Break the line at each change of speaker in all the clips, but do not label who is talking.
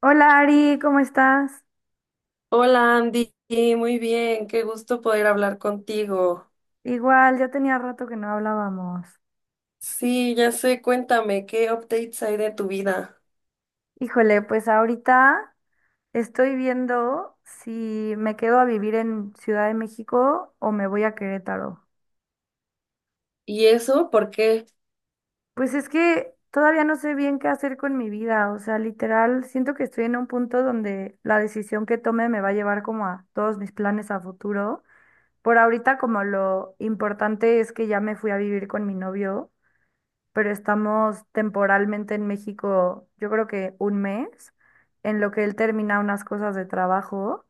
Hola Ari, ¿cómo estás?
Hola Andy, muy bien, qué gusto poder hablar contigo.
Igual, ya tenía rato que no hablábamos.
Sí, ya sé, cuéntame, ¿qué updates hay de tu vida?
Híjole, pues ahorita estoy viendo si me quedo a vivir en Ciudad de México o me voy a Querétaro.
¿Y eso por qué?
Pues es que todavía no sé bien qué hacer con mi vida, o sea, literal, siento que estoy en un punto donde la decisión que tome me va a llevar como a todos mis planes a futuro. Por ahorita como lo importante es que ya me fui a vivir con mi novio. Pero estamos temporalmente en México, yo creo que un mes, en lo que él termina unas cosas de trabajo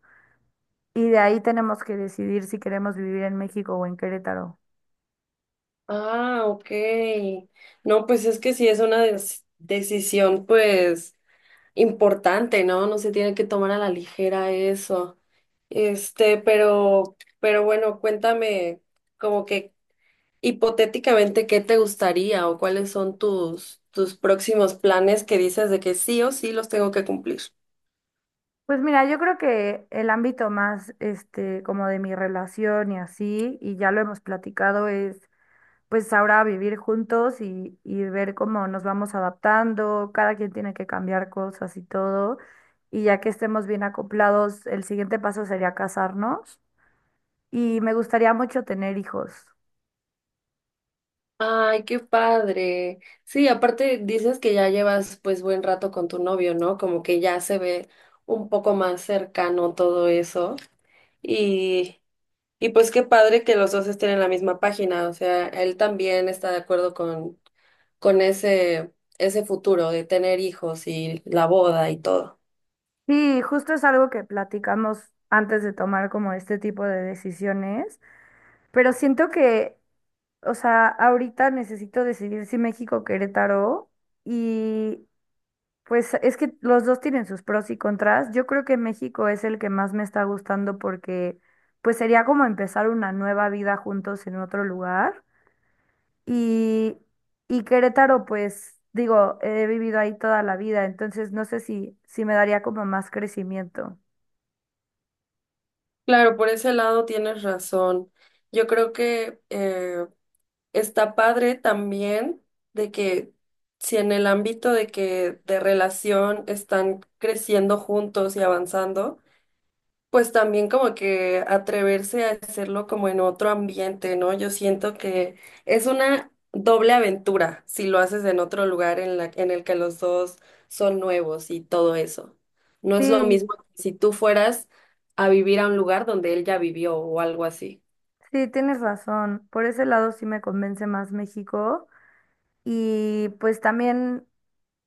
y de ahí tenemos que decidir si queremos vivir en México o en Querétaro.
Ah, ok. No, pues es que sí es una decisión, pues, importante, ¿no? No se tiene que tomar a la ligera eso. Este, pero, pero bueno, cuéntame, como que hipotéticamente, ¿qué te gustaría o cuáles son tus próximos planes que dices de que sí o sí los tengo que cumplir?
Pues mira, yo creo que el ámbito más, como de mi relación y así, y ya lo hemos platicado, es pues ahora vivir juntos y ver cómo nos vamos adaptando, cada quien tiene que cambiar cosas y todo, y ya que estemos bien acoplados, el siguiente paso sería casarnos. Y me gustaría mucho tener hijos.
Ay, qué padre. Sí, aparte dices que ya llevas pues buen rato con tu novio, ¿no? Como que ya se ve un poco más cercano todo eso. Y, y pues qué padre que los dos estén en la misma página. O sea, él también está de acuerdo con ese futuro de tener hijos y la boda y todo.
Sí, justo es algo que platicamos antes de tomar como este tipo de decisiones, pero siento que, o sea, ahorita necesito decidir si México o Querétaro y pues es que los dos tienen sus pros y contras. Yo creo que México es el que más me está gustando porque pues sería como empezar una nueva vida juntos en otro lugar. Y, y Querétaro, pues digo, he vivido ahí toda la vida, entonces no sé si me daría como más crecimiento.
Claro, por ese lado tienes razón. Yo creo que está padre también de que si en el ámbito de que de relación están creciendo juntos y avanzando, pues también como que atreverse a hacerlo como en otro ambiente, ¿no? Yo siento que es una doble aventura si lo haces en otro lugar en la, en el que los dos son nuevos y todo eso. No es lo
Sí,
mismo que si tú fueras a vivir a un lugar donde él ya vivió o algo así.
sí, tienes razón. Por ese lado sí me convence más México. Y pues también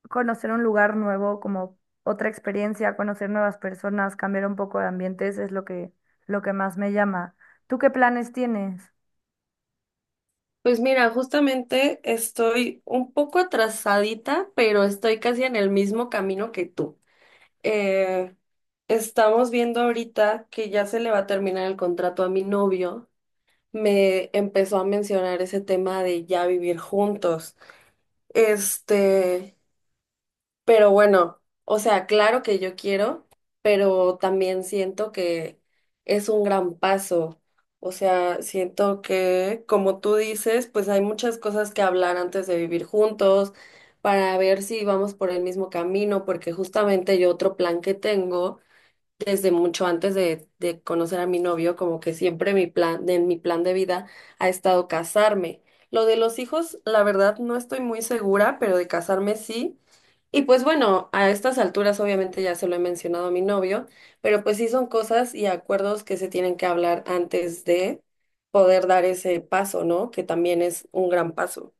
conocer un lugar nuevo, como otra experiencia, conocer nuevas personas, cambiar un poco de ambientes es lo que más me llama. ¿Tú qué planes tienes?
Pues mira, justamente estoy un poco atrasadita, pero estoy casi en el mismo camino que tú. eh, Estamos viendo ahorita que ya se le va a terminar el contrato a mi novio. Me empezó a mencionar ese tema de ya vivir juntos. Este, pero bueno, o sea, claro que yo quiero, pero también siento que es un gran paso. O sea, siento que, como tú dices, pues hay muchas cosas que hablar antes de vivir juntos para ver si vamos por el mismo camino, porque justamente yo otro plan que tengo desde mucho antes de conocer a mi novio, como que siempre mi plan, en mi plan de vida ha estado casarme. Lo de los hijos, la verdad, no estoy muy segura, pero de casarme sí. Y pues bueno, a estas alturas obviamente ya se lo he mencionado a mi novio, pero pues sí son cosas y acuerdos que se tienen que hablar antes de poder dar ese paso, ¿no? Que también es un gran paso.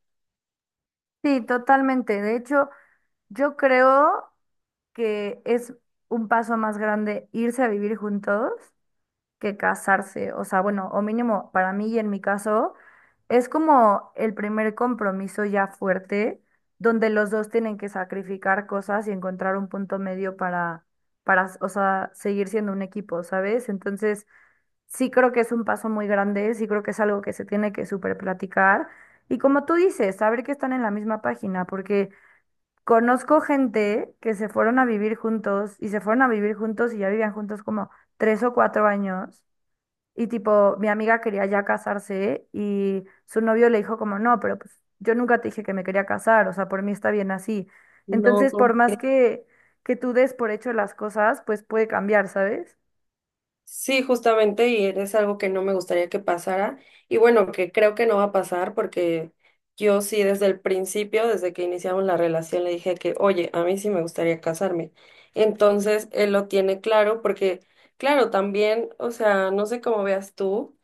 Sí, totalmente. De hecho, yo creo que es un paso más grande irse a vivir juntos que casarse. O sea, bueno, o mínimo para mí y en mi caso, es como el primer compromiso ya fuerte, donde los dos tienen que sacrificar cosas y encontrar un punto medio para, o sea, seguir siendo un equipo, ¿sabes? Entonces, sí creo que es un paso muy grande, sí creo que es algo que se tiene que súper platicar. Y como tú dices, saber que están en la misma página, porque. Conozco gente que se fueron a vivir juntos y se fueron a vivir juntos y ya vivían juntos como 3 o 4 años. Y tipo, mi amiga quería ya casarse y su novio le dijo como, no, pero pues yo nunca te dije que me quería casar, o sea, por mí está bien así. Entonces,
No.
por más que tú des por hecho las cosas, pues puede cambiar, ¿sabes?
Sí, justamente, y es algo que no me gustaría que pasara. Y bueno, que creo que no va a pasar porque yo sí desde el principio, desde que iniciamos la relación, le dije que, oye, a mí sí me gustaría casarme. Entonces, él lo tiene claro porque, claro, también, o sea, no sé cómo veas tú,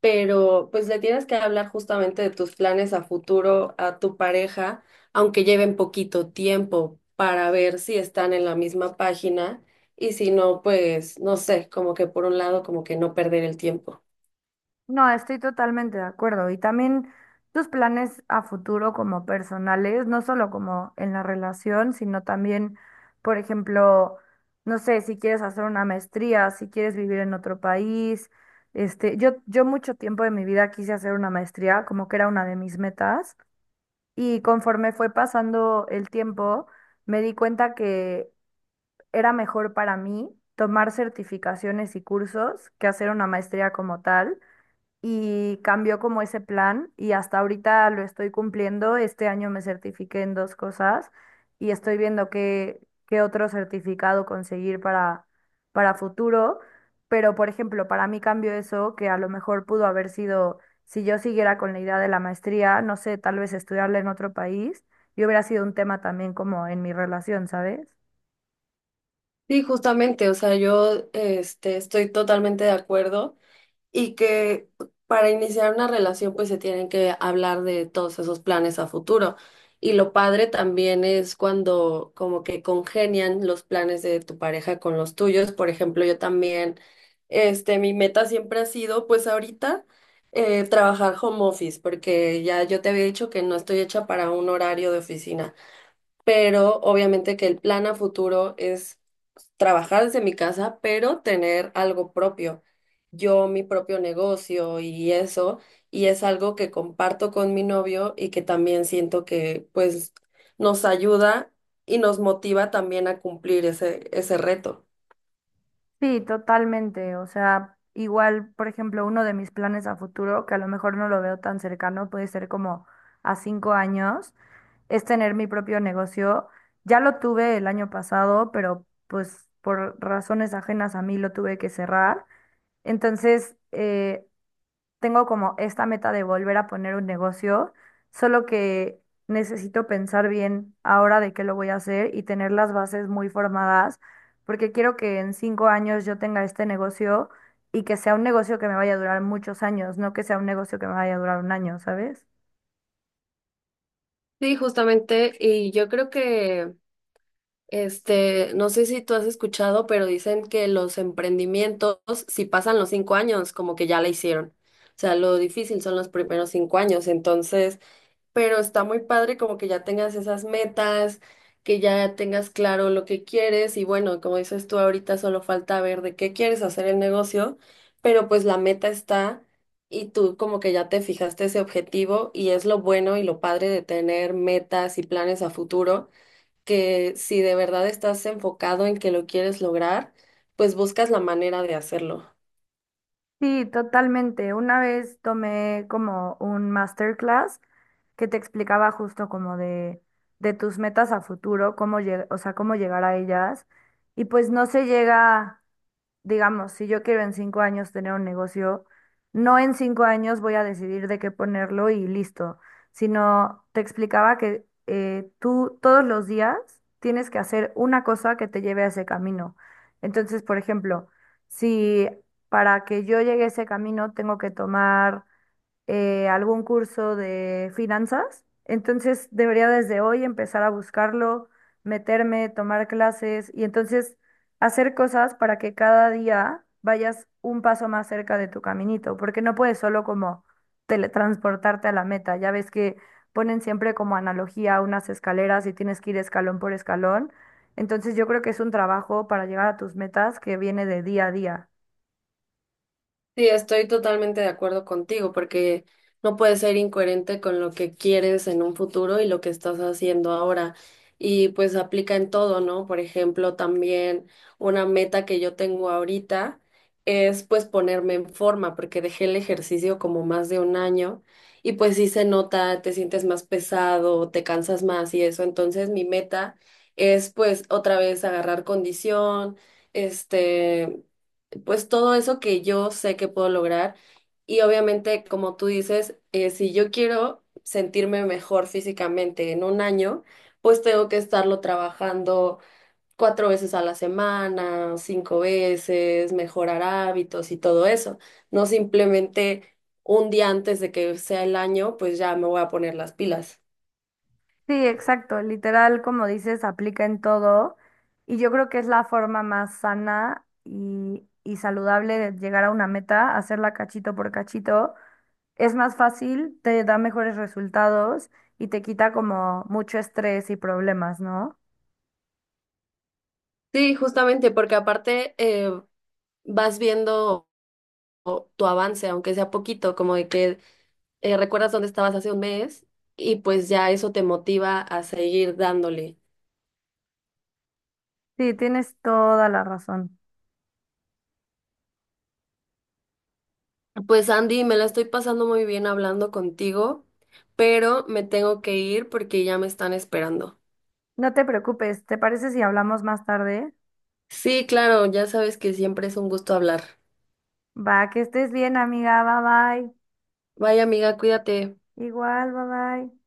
pero pues le tienes que hablar justamente de tus planes a futuro a tu pareja, aunque lleven poquito tiempo para ver si están en la misma página y si no, pues no sé, como que por un lado, como que no perder el tiempo.
No, estoy totalmente de acuerdo. Y también tus planes a futuro como personales, no solo como en la relación, sino también, por ejemplo, no sé, si quieres hacer una maestría, si quieres vivir en otro país. Yo mucho tiempo de mi vida quise hacer una maestría, como que era una de mis metas. Y conforme fue pasando el tiempo, me di cuenta que era mejor para mí tomar certificaciones y cursos que hacer una maestría como tal y cambió como ese plan y hasta ahorita lo estoy cumpliendo. Este año me certifiqué en dos cosas y estoy viendo qué otro certificado conseguir para futuro. Pero, por ejemplo, para mí cambió eso, que a lo mejor pudo haber sido, si yo siguiera con la idea de la maestría, no sé, tal vez estudiarla en otro país, y hubiera sido un tema también como en mi relación, ¿sabes?
Sí, justamente, o sea, yo estoy totalmente de acuerdo. Y que para iniciar una relación pues se tienen que hablar de todos esos planes a futuro. Y lo padre también es cuando como que congenian los planes de tu pareja con los tuyos. Por ejemplo, yo también, mi meta siempre ha sido pues ahorita trabajar home office, porque ya yo te había dicho que no estoy hecha para un horario de oficina, pero obviamente que el plan a futuro es trabajar desde mi casa, pero tener algo propio. Yo, mi propio negocio y eso, y es algo que comparto con mi novio y que también siento que pues nos ayuda y nos motiva también a cumplir ese reto.
Sí, totalmente. O sea, igual, por ejemplo, uno de mis planes a futuro, que a lo mejor no lo veo tan cercano, puede ser como a 5 años, es tener mi propio negocio. Ya lo tuve el año pasado, pero pues por razones ajenas a mí lo tuve que cerrar. Entonces, tengo como esta meta de volver a poner un negocio, solo que necesito pensar bien ahora de qué lo voy a hacer y tener las bases muy formadas, porque quiero que en 5 años yo tenga este negocio y que sea un negocio que me vaya a durar muchos años, no que sea un negocio que me vaya a durar un año, ¿sabes?
Sí, justamente, y yo creo que no sé si tú has escuchado, pero dicen que los emprendimientos, si pasan los 5 años, como que ya la hicieron. O sea, lo difícil son los primeros 5 años, entonces, pero está muy padre como que ya tengas esas metas, que ya tengas claro lo que quieres y bueno, como dices tú ahorita, solo falta ver de qué quieres hacer el negocio, pero pues la meta está y tú como que ya te fijaste ese objetivo y es lo bueno y lo padre de tener metas y planes a futuro que si de verdad estás enfocado en que lo quieres lograr, pues buscas la manera de hacerlo.
Sí, totalmente. Una vez tomé como un masterclass que te explicaba justo como de tus metas a futuro, o sea, cómo llegar a ellas. Y pues no se llega, digamos, si yo quiero en 5 años tener un negocio, no en cinco años voy a decidir de qué ponerlo y listo, sino te explicaba que tú todos los días tienes que hacer una cosa que te lleve a ese camino. Entonces, por ejemplo, si para que yo llegue a ese camino tengo que tomar algún curso de finanzas. Entonces debería desde hoy empezar a buscarlo, meterme, tomar clases y entonces hacer cosas para que cada día vayas un paso más cerca de tu caminito, porque no puedes solo como teletransportarte a la meta. Ya ves que ponen siempre como analogía unas escaleras y tienes que ir escalón por escalón. Entonces yo creo que es un trabajo para llegar a tus metas que viene de día a día.
Sí, estoy totalmente de acuerdo contigo, porque no puedes ser incoherente con lo que quieres en un futuro y lo que estás haciendo ahora. Y pues aplica en todo, ¿no? Por ejemplo, también una meta que yo tengo ahorita es pues ponerme en forma, porque dejé el ejercicio como más de un año y pues sí se nota, te sientes más pesado, te cansas más y eso. Entonces mi meta es pues otra vez agarrar condición, este pues todo eso que yo sé que puedo lograr. Y obviamente, como tú dices, si yo quiero sentirme mejor físicamente en un año, pues tengo que estarlo trabajando cuatro veces a la semana, cinco veces, mejorar hábitos y todo eso. No simplemente un día antes de que sea el año, pues ya me voy a poner las pilas.
Sí, exacto. Literal, como dices, aplica en todo. Y yo creo que es la forma más sana y saludable de llegar a una meta, hacerla cachito por cachito. Es más fácil, te da mejores resultados y te quita como mucho estrés y problemas, ¿no?
Sí, justamente, porque aparte vas viendo tu avance, aunque sea poquito, como de que recuerdas dónde estabas hace un mes y pues ya eso te motiva a seguir dándole.
Sí, tienes toda la razón.
Pues Andy, me la estoy pasando muy bien hablando contigo, pero me tengo que ir porque ya me están esperando.
No te preocupes, ¿te parece si hablamos más tarde?
Sí, claro, ya sabes que siempre es un gusto hablar.
Va, que estés bien, amiga. Bye bye.
Vaya amiga, cuídate.
Igual, bye bye.